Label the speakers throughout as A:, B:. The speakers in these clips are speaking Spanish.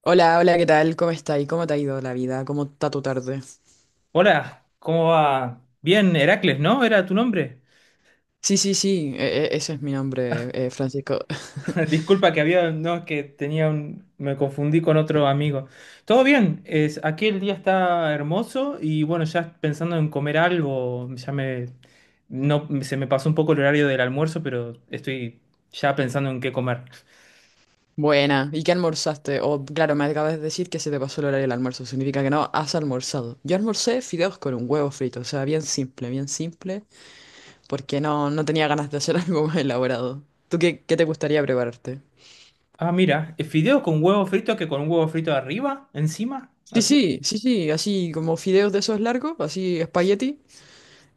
A: Hola, hola, ¿qué tal? ¿Cómo está, y cómo te ha ido la vida? ¿Cómo está tu tarde?
B: Hola, ¿cómo va? Bien, Heracles, ¿no? Era tu nombre.
A: Sí, sí, sí, ese es mi nombre, Francisco.
B: Disculpa que había, no, es que tenía un, me confundí con otro amigo. Todo bien, es, aquí el día está hermoso y bueno, ya pensando en comer algo, ya me, no, se me pasó un poco el horario del almuerzo, pero estoy ya pensando en qué comer.
A: Buena, ¿y qué almorzaste? O, claro, me acabas de decir que se te pasó el horario del almuerzo, significa que no has almorzado. Yo almorcé fideos con un huevo frito, o sea, bien simple, porque no, no tenía ganas de hacer algo más elaborado. ¿Tú qué te gustaría prepararte?
B: Ah, mira, fideo con huevo frito que con un huevo frito arriba, encima,
A: Sí,
B: así.
A: sí, sí, sí, así como fideos de esos largos, así espagueti,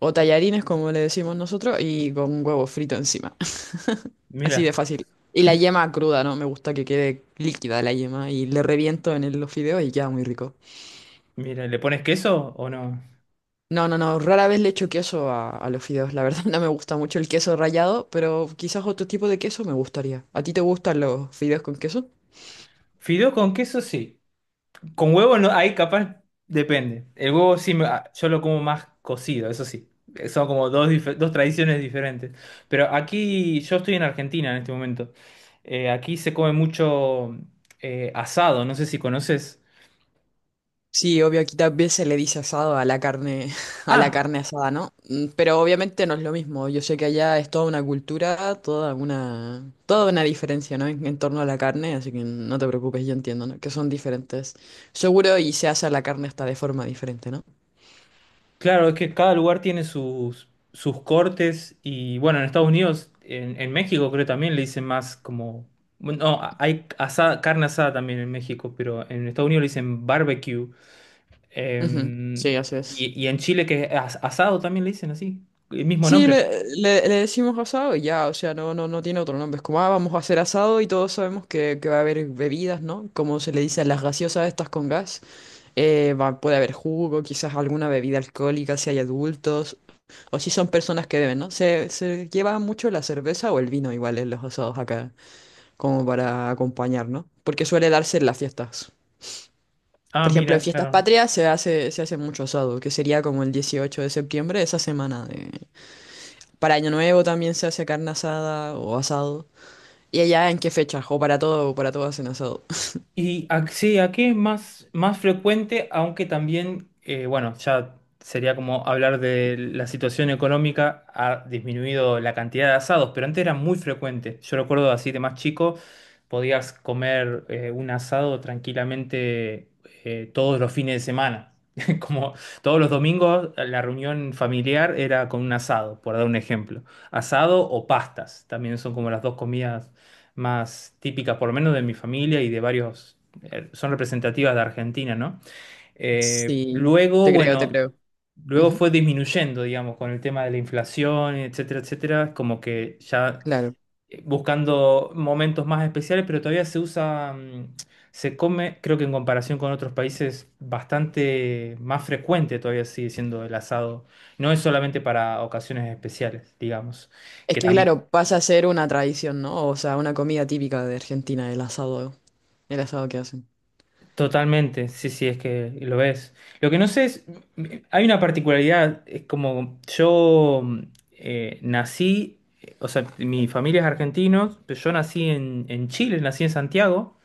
A: o tallarines como le decimos nosotros, y con huevo frito encima. Así
B: Mira,
A: de fácil. Y la yema cruda, ¿no? Me gusta que quede líquida la yema y le reviento en los fideos y queda muy rico.
B: mira, ¿le pones queso o no?
A: No, no, no, rara vez le echo queso a los fideos, la verdad no me gusta mucho el queso rallado, pero quizás otro tipo de queso me gustaría. ¿A ti te gustan los fideos con queso?
B: Fideo con queso, sí. Con huevo no, ahí capaz depende. El huevo sí, yo lo como más cocido, eso sí. Son como dos, dos tradiciones diferentes. Pero aquí, yo estoy en Argentina en este momento. Aquí se come mucho asado, no sé si conoces.
A: Sí, obvio, aquí también se le dice asado a la carne, a la
B: Ah,
A: carne asada, ¿no? Mm, pero obviamente no es lo mismo. Yo sé que allá es toda una cultura, toda una diferencia, ¿no? En torno a la carne, así que no te preocupes, yo entiendo, ¿no? Que son diferentes. Seguro y se hace la carne hasta de forma diferente, ¿no?
B: claro, es que cada lugar tiene sus, sus cortes y bueno, en Estados Unidos, en México creo también le dicen más como... No, hay asada, carne asada también en México, pero en Estados Unidos le dicen barbecue.
A: Ujú,
B: Em,
A: sí, así es.
B: y, y en Chile que es asado también le dicen así, el mismo
A: Sí,
B: nombre.
A: le decimos asado y ya, o sea, no, no, no tiene otro nombre. Es como, ah, vamos a hacer asado y todos sabemos que, va a haber bebidas, ¿no? Como se le dice a las gaseosas estas con gas. Puede haber jugo, quizás alguna bebida alcohólica si hay adultos o si son personas que beben, ¿no? Se lleva mucho la cerveza o el vino igual en los asados acá, como para acompañar, ¿no? Porque suele darse en las fiestas.
B: Ah,
A: Por ejemplo, en
B: mira,
A: fiestas
B: claro.
A: patrias se hace mucho asado, que sería como el 18 de septiembre, esa semana para Año Nuevo también se hace carne asada o asado. ¿Y allá en qué fechas? O para todo hacen asado.
B: Sí, aquí es más, más frecuente, aunque también, bueno, ya sería como hablar de la situación económica, ha disminuido la cantidad de asados, pero antes era muy frecuente. Yo recuerdo así de más chico, podías comer un asado tranquilamente todos los fines de semana. Como todos los domingos, la reunión familiar era con un asado, por dar un ejemplo. Asado o pastas, también son como las dos comidas más típicas, por lo menos de mi familia y de varios, son representativas de Argentina, ¿no? Eh,
A: Sí,
B: luego,
A: te creo, te
B: bueno,
A: creo.
B: Luego
A: Ujú,
B: fue disminuyendo, digamos, con el tema de la inflación, etcétera, etcétera, como que ya
A: claro.
B: buscando momentos más especiales, pero todavía se usa, se come, creo que en comparación con otros países, bastante más frecuente todavía sigue siendo el asado. No es solamente para ocasiones especiales, digamos,
A: Es
B: que
A: que
B: también.
A: claro, pasa a ser una tradición, ¿no? O sea, una comida típica de Argentina, el asado que hacen.
B: Totalmente, sí, sí, es que lo ves. Lo que no sé es, hay una particularidad, es como nací, o sea, mi familia es argentina, pero yo nací en Chile, nací en Santiago,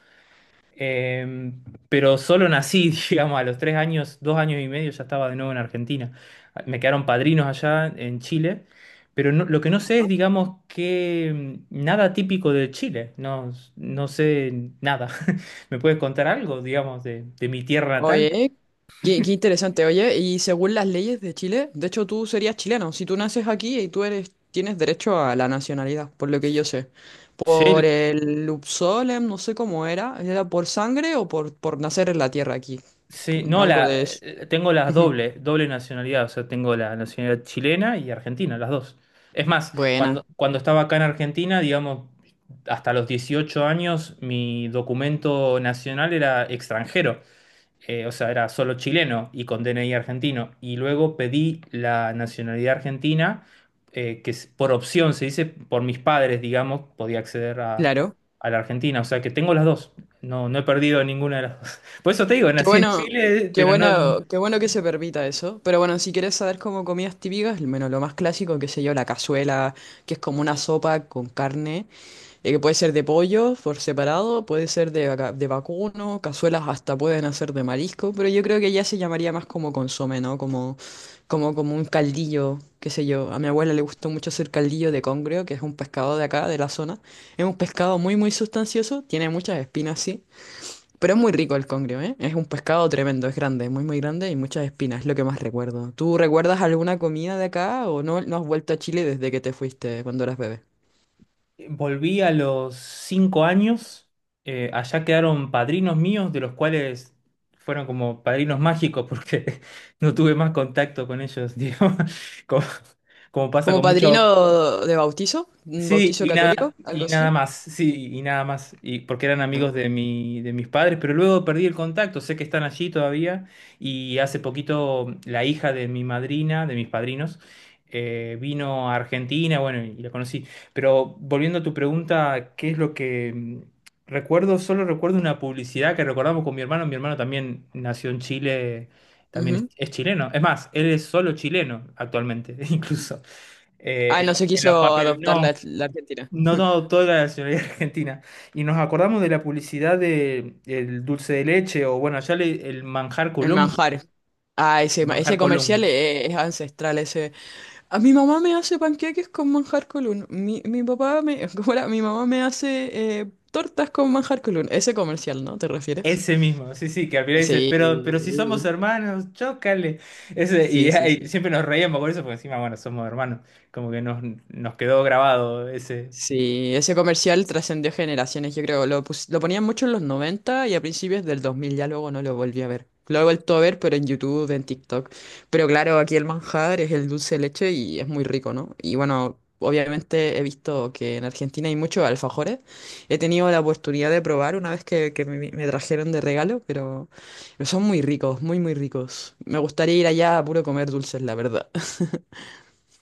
B: eh, pero solo nací, digamos, a los 3 años, 2 años y medio ya estaba de nuevo en Argentina. Me quedaron padrinos allá en Chile, pero lo que no sé es, digamos, que nada típico de Chile, no, no sé nada. ¿Me puedes contar algo, digamos, de mi tierra natal?
A: Oye, qué interesante. Oye, y según las leyes de Chile, de hecho tú serías chileno. Si tú naces aquí y tú eres, tienes derecho a la nacionalidad, por lo que yo sé. Por
B: Sí,
A: el Upsolem, no sé cómo era. ¿Era por sangre o por nacer en la tierra aquí?
B: sí, no,
A: Algo
B: la,
A: de eso.
B: tengo las
A: Ujú.
B: doble nacionalidad, o sea, tengo la nacionalidad chilena y argentina, las dos. Es más,
A: Buena,
B: cuando, cuando estaba acá en Argentina, digamos, hasta los 18 años, mi documento nacional era extranjero, o sea, era solo chileno y con DNI argentino. Y luego pedí la nacionalidad argentina, que es por opción, se dice, por mis padres, digamos, podía acceder
A: claro.
B: a la Argentina. O sea, que tengo las dos. No, no he perdido ninguna de las dos. Por eso te digo,
A: Qué
B: nací en
A: bueno,
B: Chile,
A: qué
B: pero no...
A: bueno, qué bueno que se permita eso. Pero bueno, si quieres saber como comidas típicas, al menos lo más clásico, qué sé yo, la cazuela, que es como una sopa con carne. Puede ser de pollo por separado, puede ser de vacuno, cazuelas hasta pueden hacer de marisco, pero yo creo que ya se llamaría más como consomé, ¿no? Como un caldillo, qué sé yo. A mi abuela le gustó mucho hacer caldillo de congrio, que es un pescado de acá, de la zona. Es un pescado muy, muy sustancioso, tiene muchas espinas, sí, pero es muy rico el congrio, ¿eh? Es un pescado tremendo, es grande, muy, muy grande y muchas espinas, es lo que más recuerdo. ¿Tú recuerdas alguna comida de acá o no, no has vuelto a Chile desde que te fuiste cuando eras bebé?
B: Volví a los 5 años. Allá quedaron padrinos míos, de los cuales fueron como padrinos mágicos, porque no tuve más contacto con ellos, digo, como, como pasa
A: Como
B: con muchos.
A: padrino de bautizo, un
B: Sí,
A: bautizo católico,
B: y
A: algo
B: nada
A: así.
B: más, sí, y nada más, y porque eran amigos de
A: Ah,
B: mi, de mis padres, pero luego perdí el contacto, sé que están allí todavía, y hace poquito la hija de mi madrina, de mis padrinos, vino a Argentina, bueno, y la conocí. Pero volviendo a tu pregunta, ¿qué es lo que recuerdo? Solo recuerdo una publicidad que recordamos con mi hermano también nació en Chile, también
A: ujú.
B: es chileno, es más, él es solo chileno actualmente, incluso. Eh,
A: Ah,
B: en,
A: no
B: lo-
A: se
B: en los
A: quiso
B: papeles,
A: adoptar
B: no,
A: la, la Argentina.
B: no, no, toda la nacionalidad argentina. Y nos acordamos de la publicidad de el dulce de leche, o bueno, el manjar
A: El
B: Colón,
A: manjar. Ah, ese
B: manjar Colón.
A: comercial es, ancestral, ese. A mi mamá me hace panqueques con manjar colún. Mi papá me. ¿Cómo era? Mi mamá me hace tortas con manjar colún. Ese comercial, ¿no? ¿Te refieres?
B: Ese mismo, sí, sí, que al final dice, pero si somos
A: Sí.
B: hermanos, chócale. Ese, y,
A: Sí, sí,
B: y
A: sí.
B: siempre nos reíamos con eso, porque encima, bueno, somos hermanos. Como que nos, nos quedó grabado ese.
A: Sí, ese comercial trascendió generaciones, yo creo. Lo, lo ponían mucho en los 90 y a principios del 2000, ya luego no lo volví a ver. Lo he vuelto a ver, pero en YouTube, en TikTok. Pero claro, aquí el manjar es el dulce de leche y es muy rico, ¿no? Y bueno, obviamente he visto que en Argentina hay muchos alfajores. He tenido la oportunidad de probar una vez que, que me trajeron de regalo, pero son muy ricos, muy, muy ricos. Me gustaría ir allá a puro comer dulces, la verdad.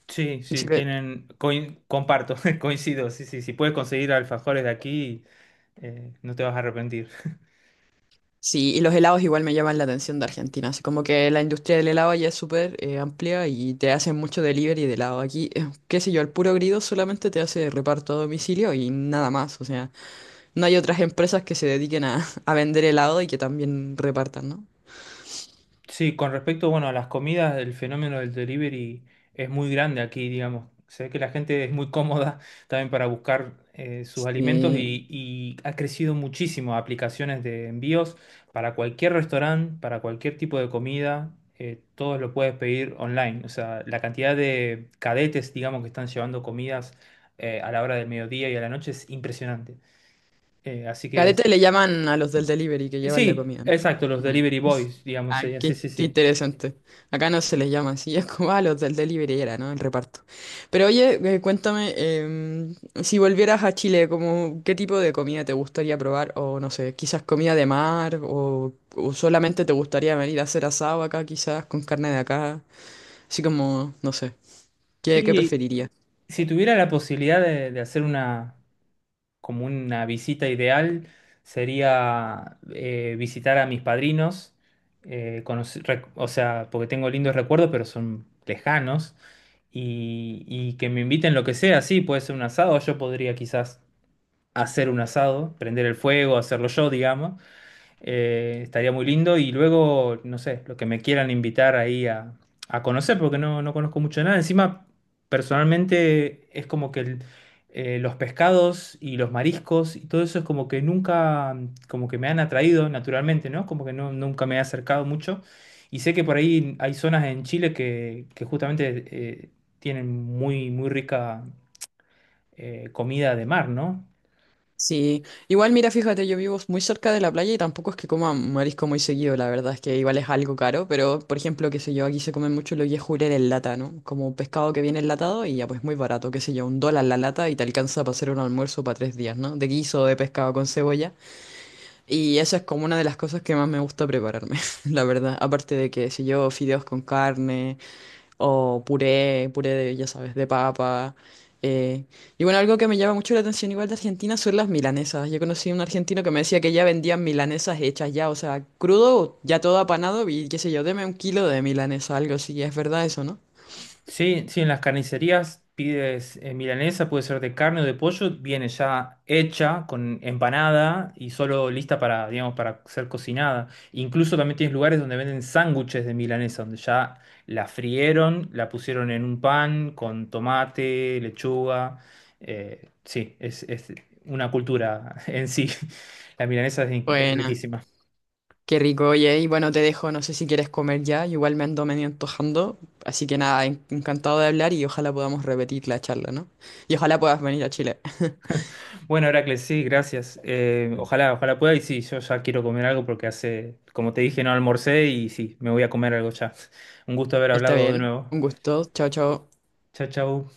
B: Sí, sí, tienen. Comparto, coincido, sí, sí. Si puedes conseguir alfajores de aquí, no te vas a arrepentir.
A: Sí, y los helados igual me llaman la atención de Argentina, así como que la industria del helado ya es súper amplia y te hacen mucho delivery de helado. Aquí, qué sé yo, el puro grido solamente te hace reparto a domicilio y nada más, o sea, no hay otras empresas que se dediquen a vender helado y que también repartan, ¿no?
B: Sí, con respecto, bueno, a las comidas, el fenómeno del delivery es muy grande aquí, digamos. Se ve que la gente es muy cómoda también para buscar sus alimentos
A: Sí.
B: y ha crecido muchísimo aplicaciones de envíos para cualquier restaurante, para cualquier tipo de comida, todo lo puedes pedir online. O sea, la cantidad de cadetes, digamos, que están llevando comidas a la hora del mediodía y a la noche es impresionante. Así que
A: Carete le llaman a los del delivery que llevan la
B: sí,
A: comida.
B: exacto, los delivery boys, digamos,
A: Ah,
B: sería, sí,
A: qué,
B: sí,
A: qué
B: sí.
A: interesante. Acá no se les llama así, es como a los del delivery era, ¿no? El reparto. Pero oye, cuéntame, si volvieras a Chile, como, ¿qué tipo de comida te gustaría probar? O no sé, quizás comida de mar, o solamente te gustaría venir a hacer asado acá, quizás, con carne de acá. Así como, no sé, ¿qué
B: Y
A: preferirías?
B: si tuviera la posibilidad de hacer una, como una visita ideal, sería visitar a mis padrinos, o sea, porque tengo lindos recuerdos, pero son lejanos, y que me inviten lo que sea, sí, puede ser un asado, yo podría quizás hacer un asado, prender el fuego, hacerlo yo, digamos, estaría muy lindo y luego, no sé, lo que me quieran invitar ahí a conocer, porque no, no conozco mucho de nada. Encima, personalmente, es como que los pescados y los mariscos y todo eso es como que nunca, como que me han atraído naturalmente, ¿no? Como que no, nunca me he acercado mucho. Y sé que por ahí hay zonas en Chile que justamente tienen muy, muy rica comida de mar, ¿no?
A: Sí, igual mira, fíjate, yo vivo muy cerca de la playa y tampoco es que coma marisco muy seguido, la verdad es que igual es algo caro, pero por ejemplo, qué sé yo, aquí se come mucho lo que es jurel en lata, ¿no? Como pescado que viene enlatado y ya pues muy barato, qué sé yo, $1 la lata y te alcanza para hacer un almuerzo para 3 días, ¿no? De guiso de pescado con cebolla y eso es como una de las cosas que más me gusta prepararme, la verdad, aparte de que, qué sé yo, fideos con carne. O puré, puré de, ya sabes, de papa. eh, Y bueno, algo que me llama mucho la atención igual de Argentina son las milanesas. Yo conocí a un argentino que me decía que ya vendían milanesas hechas ya, o sea, crudo, ya todo apanado y qué sé yo, deme 1 kilo de milanesa, algo así. Es verdad eso, ¿no?
B: Sí, sí, en las carnicerías pides milanesa, puede ser de carne o de pollo, viene ya hecha, con empanada y solo lista para, digamos, para ser cocinada. Incluso también tienes lugares donde venden sándwiches de milanesa, donde ya la frieron, la pusieron en un pan con tomate, lechuga. Sí, es una cultura en sí. La milanesa es, es
A: Buena,
B: riquísima.
A: qué rico, oye. Y bueno, te dejo, no sé si quieres comer ya, igual me ando medio antojando. Así que nada, encantado de hablar y ojalá podamos repetir la charla, ¿no? Y ojalá puedas venir a Chile.
B: Bueno, Heracles, sí, gracias. Ojalá, ojalá pueda. Y sí, yo ya quiero comer algo porque hace, como te dije, no almorcé y sí, me voy a comer algo ya. Un gusto haber
A: Está
B: hablado de
A: bien,
B: nuevo.
A: un gusto, chao, chao.
B: Chao, chao.